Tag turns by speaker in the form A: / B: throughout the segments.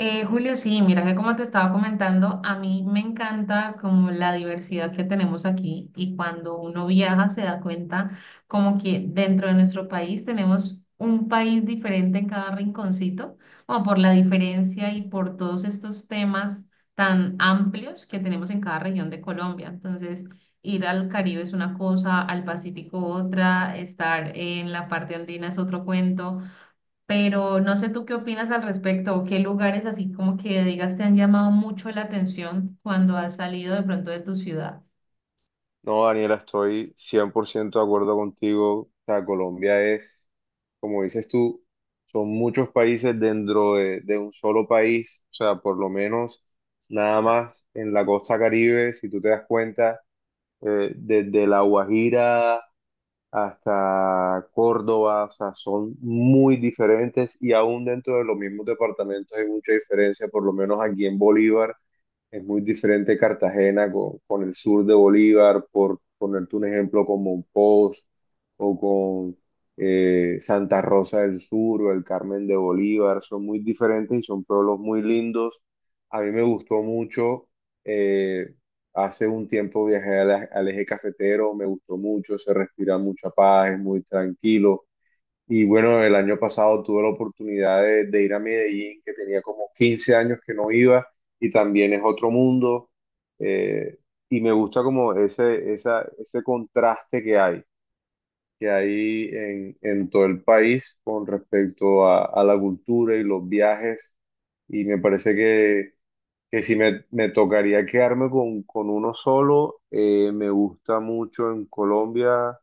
A: Julio, sí, mira que como te estaba comentando, a mí me encanta como la diversidad que tenemos aquí y cuando uno viaja se da cuenta como que dentro de nuestro país tenemos un país diferente en cada rinconcito, como por la diferencia y por todos estos temas tan amplios que tenemos en cada región de Colombia. Entonces, ir al Caribe es una cosa, al Pacífico otra, estar en la parte andina es otro cuento, pero no sé tú qué opinas al respecto o qué lugares así como que digas te han llamado mucho la atención cuando has salido de pronto de tu ciudad.
B: No, Daniela, estoy 100% de acuerdo contigo. O sea, Colombia es, como dices tú, son muchos países dentro de un solo país. O sea, por lo menos nada más en la costa Caribe, si tú te das cuenta, desde La Guajira hasta Córdoba, o sea, son muy diferentes y aún dentro de los mismos departamentos hay mucha diferencia, por lo menos aquí en Bolívar. Es muy diferente Cartagena con el sur de Bolívar, por ponerte un ejemplo con Monpós o con Santa Rosa del Sur o el Carmen de Bolívar. Son muy diferentes y son pueblos muy lindos. A mí me gustó mucho. eh, Hace un tiempo viajé al eje cafetero, me gustó mucho, se respira mucha paz, es muy tranquilo. Y bueno, el año pasado tuve la oportunidad de ir a Medellín, que tenía como 15 años que no iba, y también es otro mundo. eh, y me gusta como ese contraste que hay en todo el país con respecto a la cultura y los viajes. Y me parece que si me tocaría quedarme con uno solo, me gusta mucho en Colombia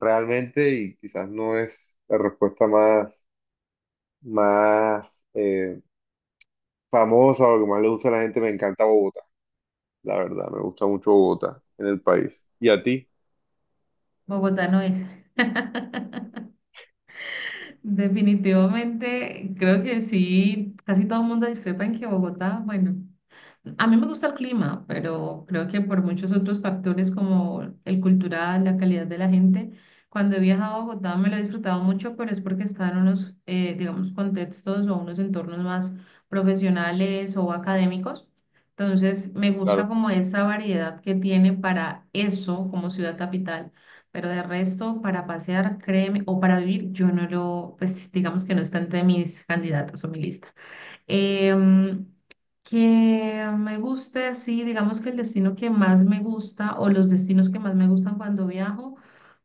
B: realmente y quizás no es la respuesta más eh, famosa o lo que más le gusta a la gente, me encanta Bogotá, la verdad, me gusta mucho Bogotá en el país. ¿Y a ti?
A: Bogotá no es. Definitivamente, creo que sí, casi todo el mundo discrepa en que Bogotá, bueno. A mí me gusta el clima, pero creo que por muchos otros factores como el cultural, la calidad de la gente, cuando he viajado a Bogotá me lo he disfrutado mucho, pero es porque está en unos, digamos, contextos o unos entornos más profesionales o académicos. Entonces, me gusta
B: Claro.
A: como esa variedad que tiene para eso como ciudad capital, pero de resto, para pasear, créeme, o para vivir, yo no lo, pues digamos que no está entre mis candidatos o mi lista. Em, que me guste, sí, digamos que el destino que más me gusta o los destinos que más me gustan cuando viajo,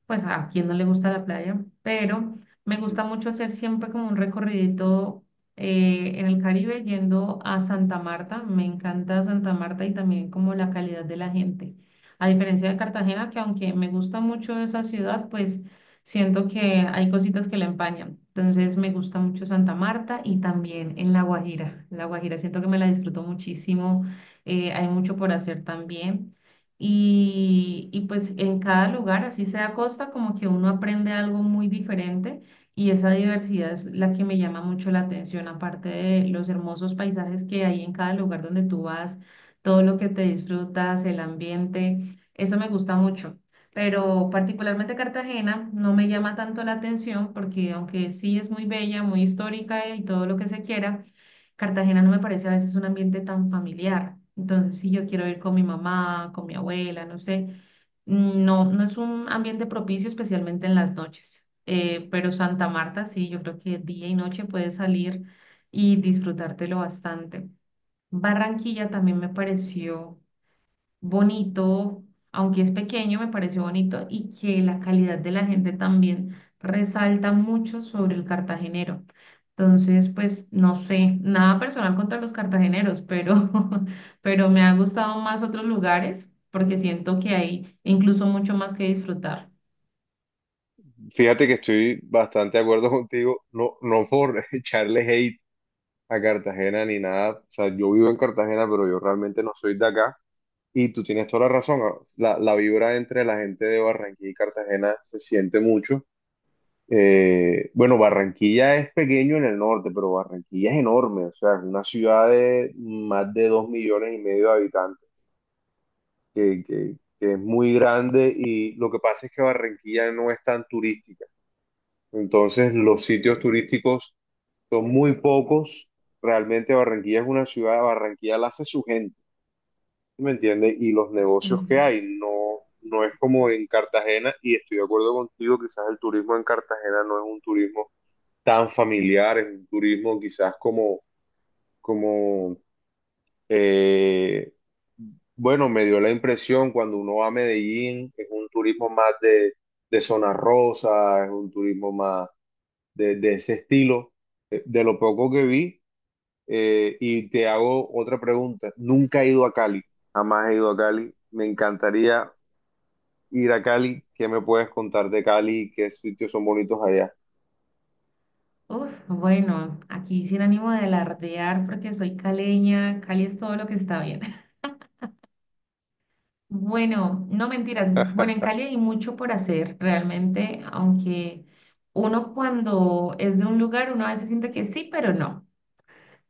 A: pues a quien no le gusta la playa, pero me gusta mucho hacer siempre como un recorridito en el Caribe yendo a Santa Marta. Me encanta Santa Marta y también como la calidad de la gente. A diferencia de Cartagena, que aunque me gusta mucho esa ciudad, pues siento que hay cositas que la empañan. Entonces me gusta mucho Santa Marta y también en La Guajira. La Guajira siento que me la disfruto muchísimo. Hay mucho por hacer también. Y pues en cada lugar, así sea costa, como que uno aprende algo muy diferente y esa diversidad es la que me llama mucho la atención, aparte de los hermosos paisajes que hay en cada lugar donde tú vas, todo lo que te disfrutas, el ambiente, eso me gusta mucho. Pero particularmente Cartagena no me llama tanto la atención porque aunque sí es muy bella, muy histórica y todo lo que se quiera, Cartagena no me parece a veces un ambiente tan familiar. Entonces, si yo quiero ir con mi mamá, con mi abuela, no sé, no, no es un ambiente propicio, especialmente en las noches. Pero Santa Marta, sí, yo creo que día y noche puedes salir y disfrutártelo bastante. Barranquilla también me pareció bonito, aunque es pequeño, me pareció bonito y que la calidad de la gente también resalta mucho sobre el cartagenero. Entonces, pues no sé, nada personal contra los cartageneros, pero, pero me ha gustado más otros lugares porque siento que hay incluso mucho más que disfrutar.
B: Fíjate que estoy bastante de acuerdo contigo, no, no por echarle hate a Cartagena ni nada, o sea, yo vivo en Cartagena, pero yo realmente no soy de acá. Y tú tienes toda la razón, ah, la vibra entre la gente de Barranquilla y Cartagena se siente mucho. Bueno, Barranquilla es pequeño en el norte, pero Barranquilla es enorme, o sea, es una ciudad de más de 2,5 millones de habitantes, que, que- que es muy grande y lo que pasa es que Barranquilla no es tan turística, entonces los sitios turísticos son muy pocos, realmente Barranquilla es una ciudad, Barranquilla la hace su gente. ¿Me entiendes? Y los negocios
A: Ujú.
B: que hay, no, no es como en Cartagena, y estoy de acuerdo contigo, quizás el turismo en Cartagena no es un turismo tan familiar, es un turismo quizás como, eh, bueno, me dio la impresión cuando uno va a Medellín, es un turismo más de zona rosa, es un turismo más de ese estilo, de lo poco que vi. Y te hago otra pregunta. Nunca he ido a Cali, jamás he ido a Cali. Me encantaría ir a Cali. ¿Qué me puedes contar de Cali? ¿Qué sitios son bonitos allá?
A: Uf, bueno, aquí sin ánimo de alardear porque soy caleña, Cali es todo lo que está bien. Bueno, no mentiras. Bueno, en Cali hay mucho por hacer, realmente, aunque uno cuando es de un lugar, uno a veces siente que sí, pero no.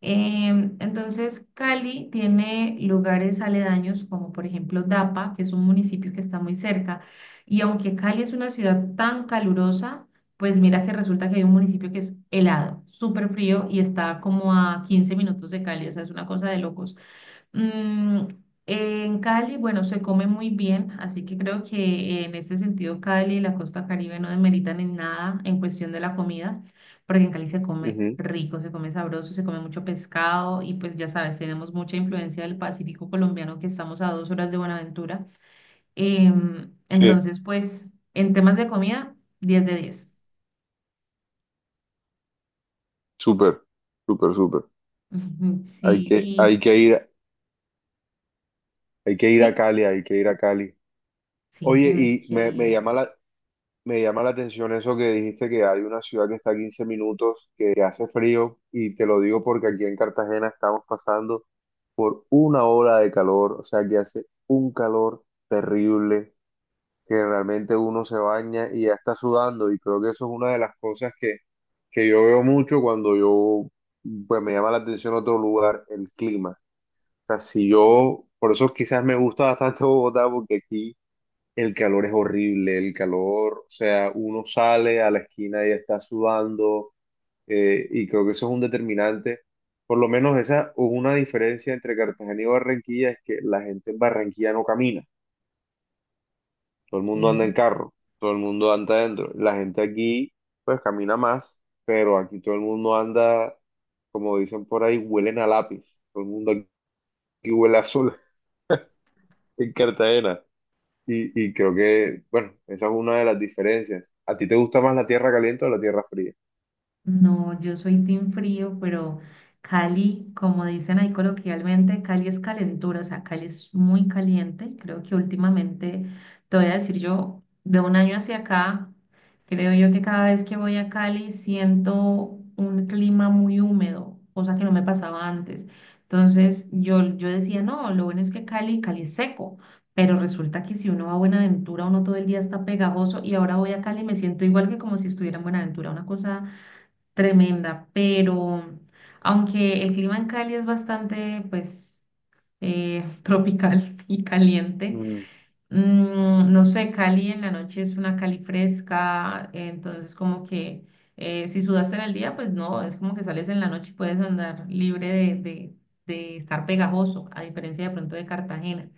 A: Entonces, Cali tiene lugares aledaños como por ejemplo Dapa, que es un municipio que está muy cerca, y aunque Cali es una ciudad tan calurosa, pues mira que resulta que hay un municipio que es helado, súper frío y está como a 15 minutos de Cali, o sea, es una cosa de locos. Mm, en Cali, bueno, se come muy bien, así que creo que en ese sentido Cali y la costa Caribe no demeritan en nada en cuestión de la comida, porque en Cali se come
B: Ujú.
A: rico, se come sabroso, se come mucho pescado y pues ya sabes, tenemos mucha influencia del Pacífico colombiano que estamos a 2 horas de Buenaventura. Em,
B: Sí,
A: entonces, pues en temas de comida, 10/10.
B: súper, súper, súper.
A: Ujú,
B: Hay
A: sí,
B: que, hay
A: y
B: que ir, hay que ir a
A: sí,
B: Cali, hay que ir a Cali.
A: sí,
B: Oye,
A: tenés
B: y
A: que ir.
B: me llama la atención eso que dijiste que hay una ciudad que está a 15 minutos, que hace frío, y te lo digo porque aquí en Cartagena estamos pasando por una ola de calor, o sea que hace un calor terrible, que realmente uno se baña y ya está sudando, y creo que eso es una de las cosas que yo veo mucho cuando yo, pues me llama la atención otro lugar, el clima. O sea, si yo, por eso quizás me gusta bastante Bogotá, porque aquí el calor es horrible, el calor, o sea, uno sale a la esquina y está sudando, y creo que eso es un determinante. Por lo menos esa es una diferencia entre Cartagena y Barranquilla, es que la gente en Barranquilla no camina, todo el mundo anda en
A: Ok.
B: carro, todo el mundo anda adentro. La gente aquí, pues camina más, pero aquí todo el mundo anda, como dicen por ahí, huelen a lápiz, todo el mundo aquí huele a sol en Cartagena. Y creo que, bueno, esa es una de las diferencias. ¿A ti te gusta más la tierra caliente o la tierra fría?
A: No, yo soy team frío, pero Cali, como dicen ahí coloquialmente, Cali es calentura, o sea, Cali es muy caliente. Creo que últimamente, te voy a decir yo, de un año hacia acá, creo yo que cada vez que voy a Cali siento un clima muy húmedo, cosa que no me pasaba antes. Entonces yo decía, no, lo bueno es que Cali, Cali es seco. Pero resulta que si uno va a Buenaventura, uno todo el día está pegajoso y ahora voy a Cali y me siento igual que como si estuviera en Buenaventura, una cosa tremenda, pero aunque el clima en Cali es bastante, pues, tropical y caliente,
B: Mm,
A: no sé, Cali en la noche es una Cali fresca, entonces como que si sudaste en el día, pues no, es como que sales en la noche y puedes andar libre de estar pegajoso, a diferencia de pronto de Cartagena.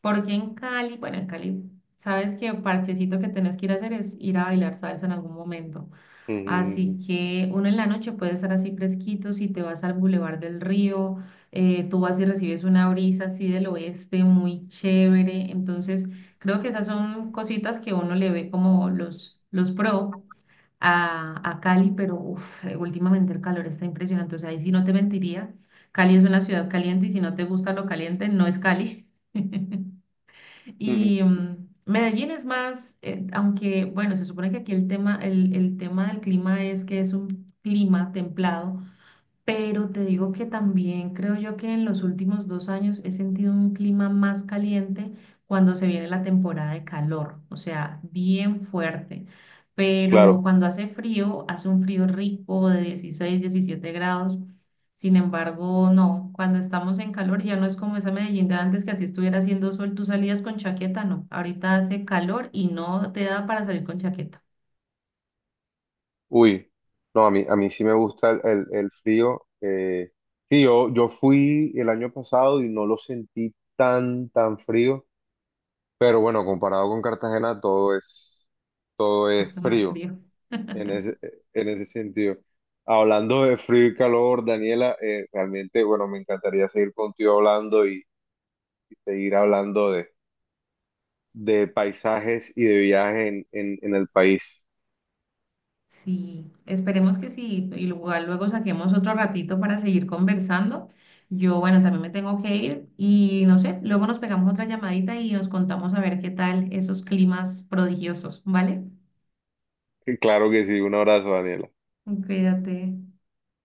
A: Porque en Cali, bueno, en Cali, sabes que parchecito que tenés que ir a hacer es ir a bailar salsa en algún momento.
B: mm,
A: Así que uno en la noche puede estar así fresquito, si te vas al Boulevard del Río, tú vas y recibes una brisa así del oeste muy chévere. Entonces, creo que esas son cositas que uno le ve como los pro a Cali, pero uf, últimamente el calor está impresionante. O sea, ahí sí no te mentiría. Cali es una ciudad caliente y si no te gusta lo caliente, no es Cali.
B: mm,
A: Y Medellín es más, aunque bueno, se supone que aquí el tema del clima es que es un clima templado, pero te digo que también creo yo que en los últimos 2 años he sentido un clima más caliente cuando se viene la temporada de calor, o sea, bien fuerte. Pero
B: claro.
A: cuando hace frío, hace un frío rico de 16, 17 grados. Sin embargo, no, cuando estamos en calor ya no es como esa Medellín de antes que así estuviera haciendo sol, tú salías con chaqueta, no. Ahorita hace calor y no te da para salir con chaqueta,
B: Uy, no, a mí sí me gusta el frío. Sí, yo fui el año pasado y no lo sentí tan frío, pero bueno, comparado con Cartagena, todo es
A: más
B: frío
A: frío.
B: en ese, en ese sentido. Hablando de frío y calor, Daniela, realmente, bueno, me encantaría seguir contigo hablando y seguir hablando de paisajes y de viajes en el país.
A: Sí, esperemos que sí, y igual luego saquemos otro ratito para seguir conversando. Yo, bueno, también me tengo que ir y no sé, luego nos pegamos otra llamadita y nos contamos a ver qué tal esos climas prodigiosos, ¿vale?
B: Claro que sí, un abrazo, Daniela.
A: Cuídate.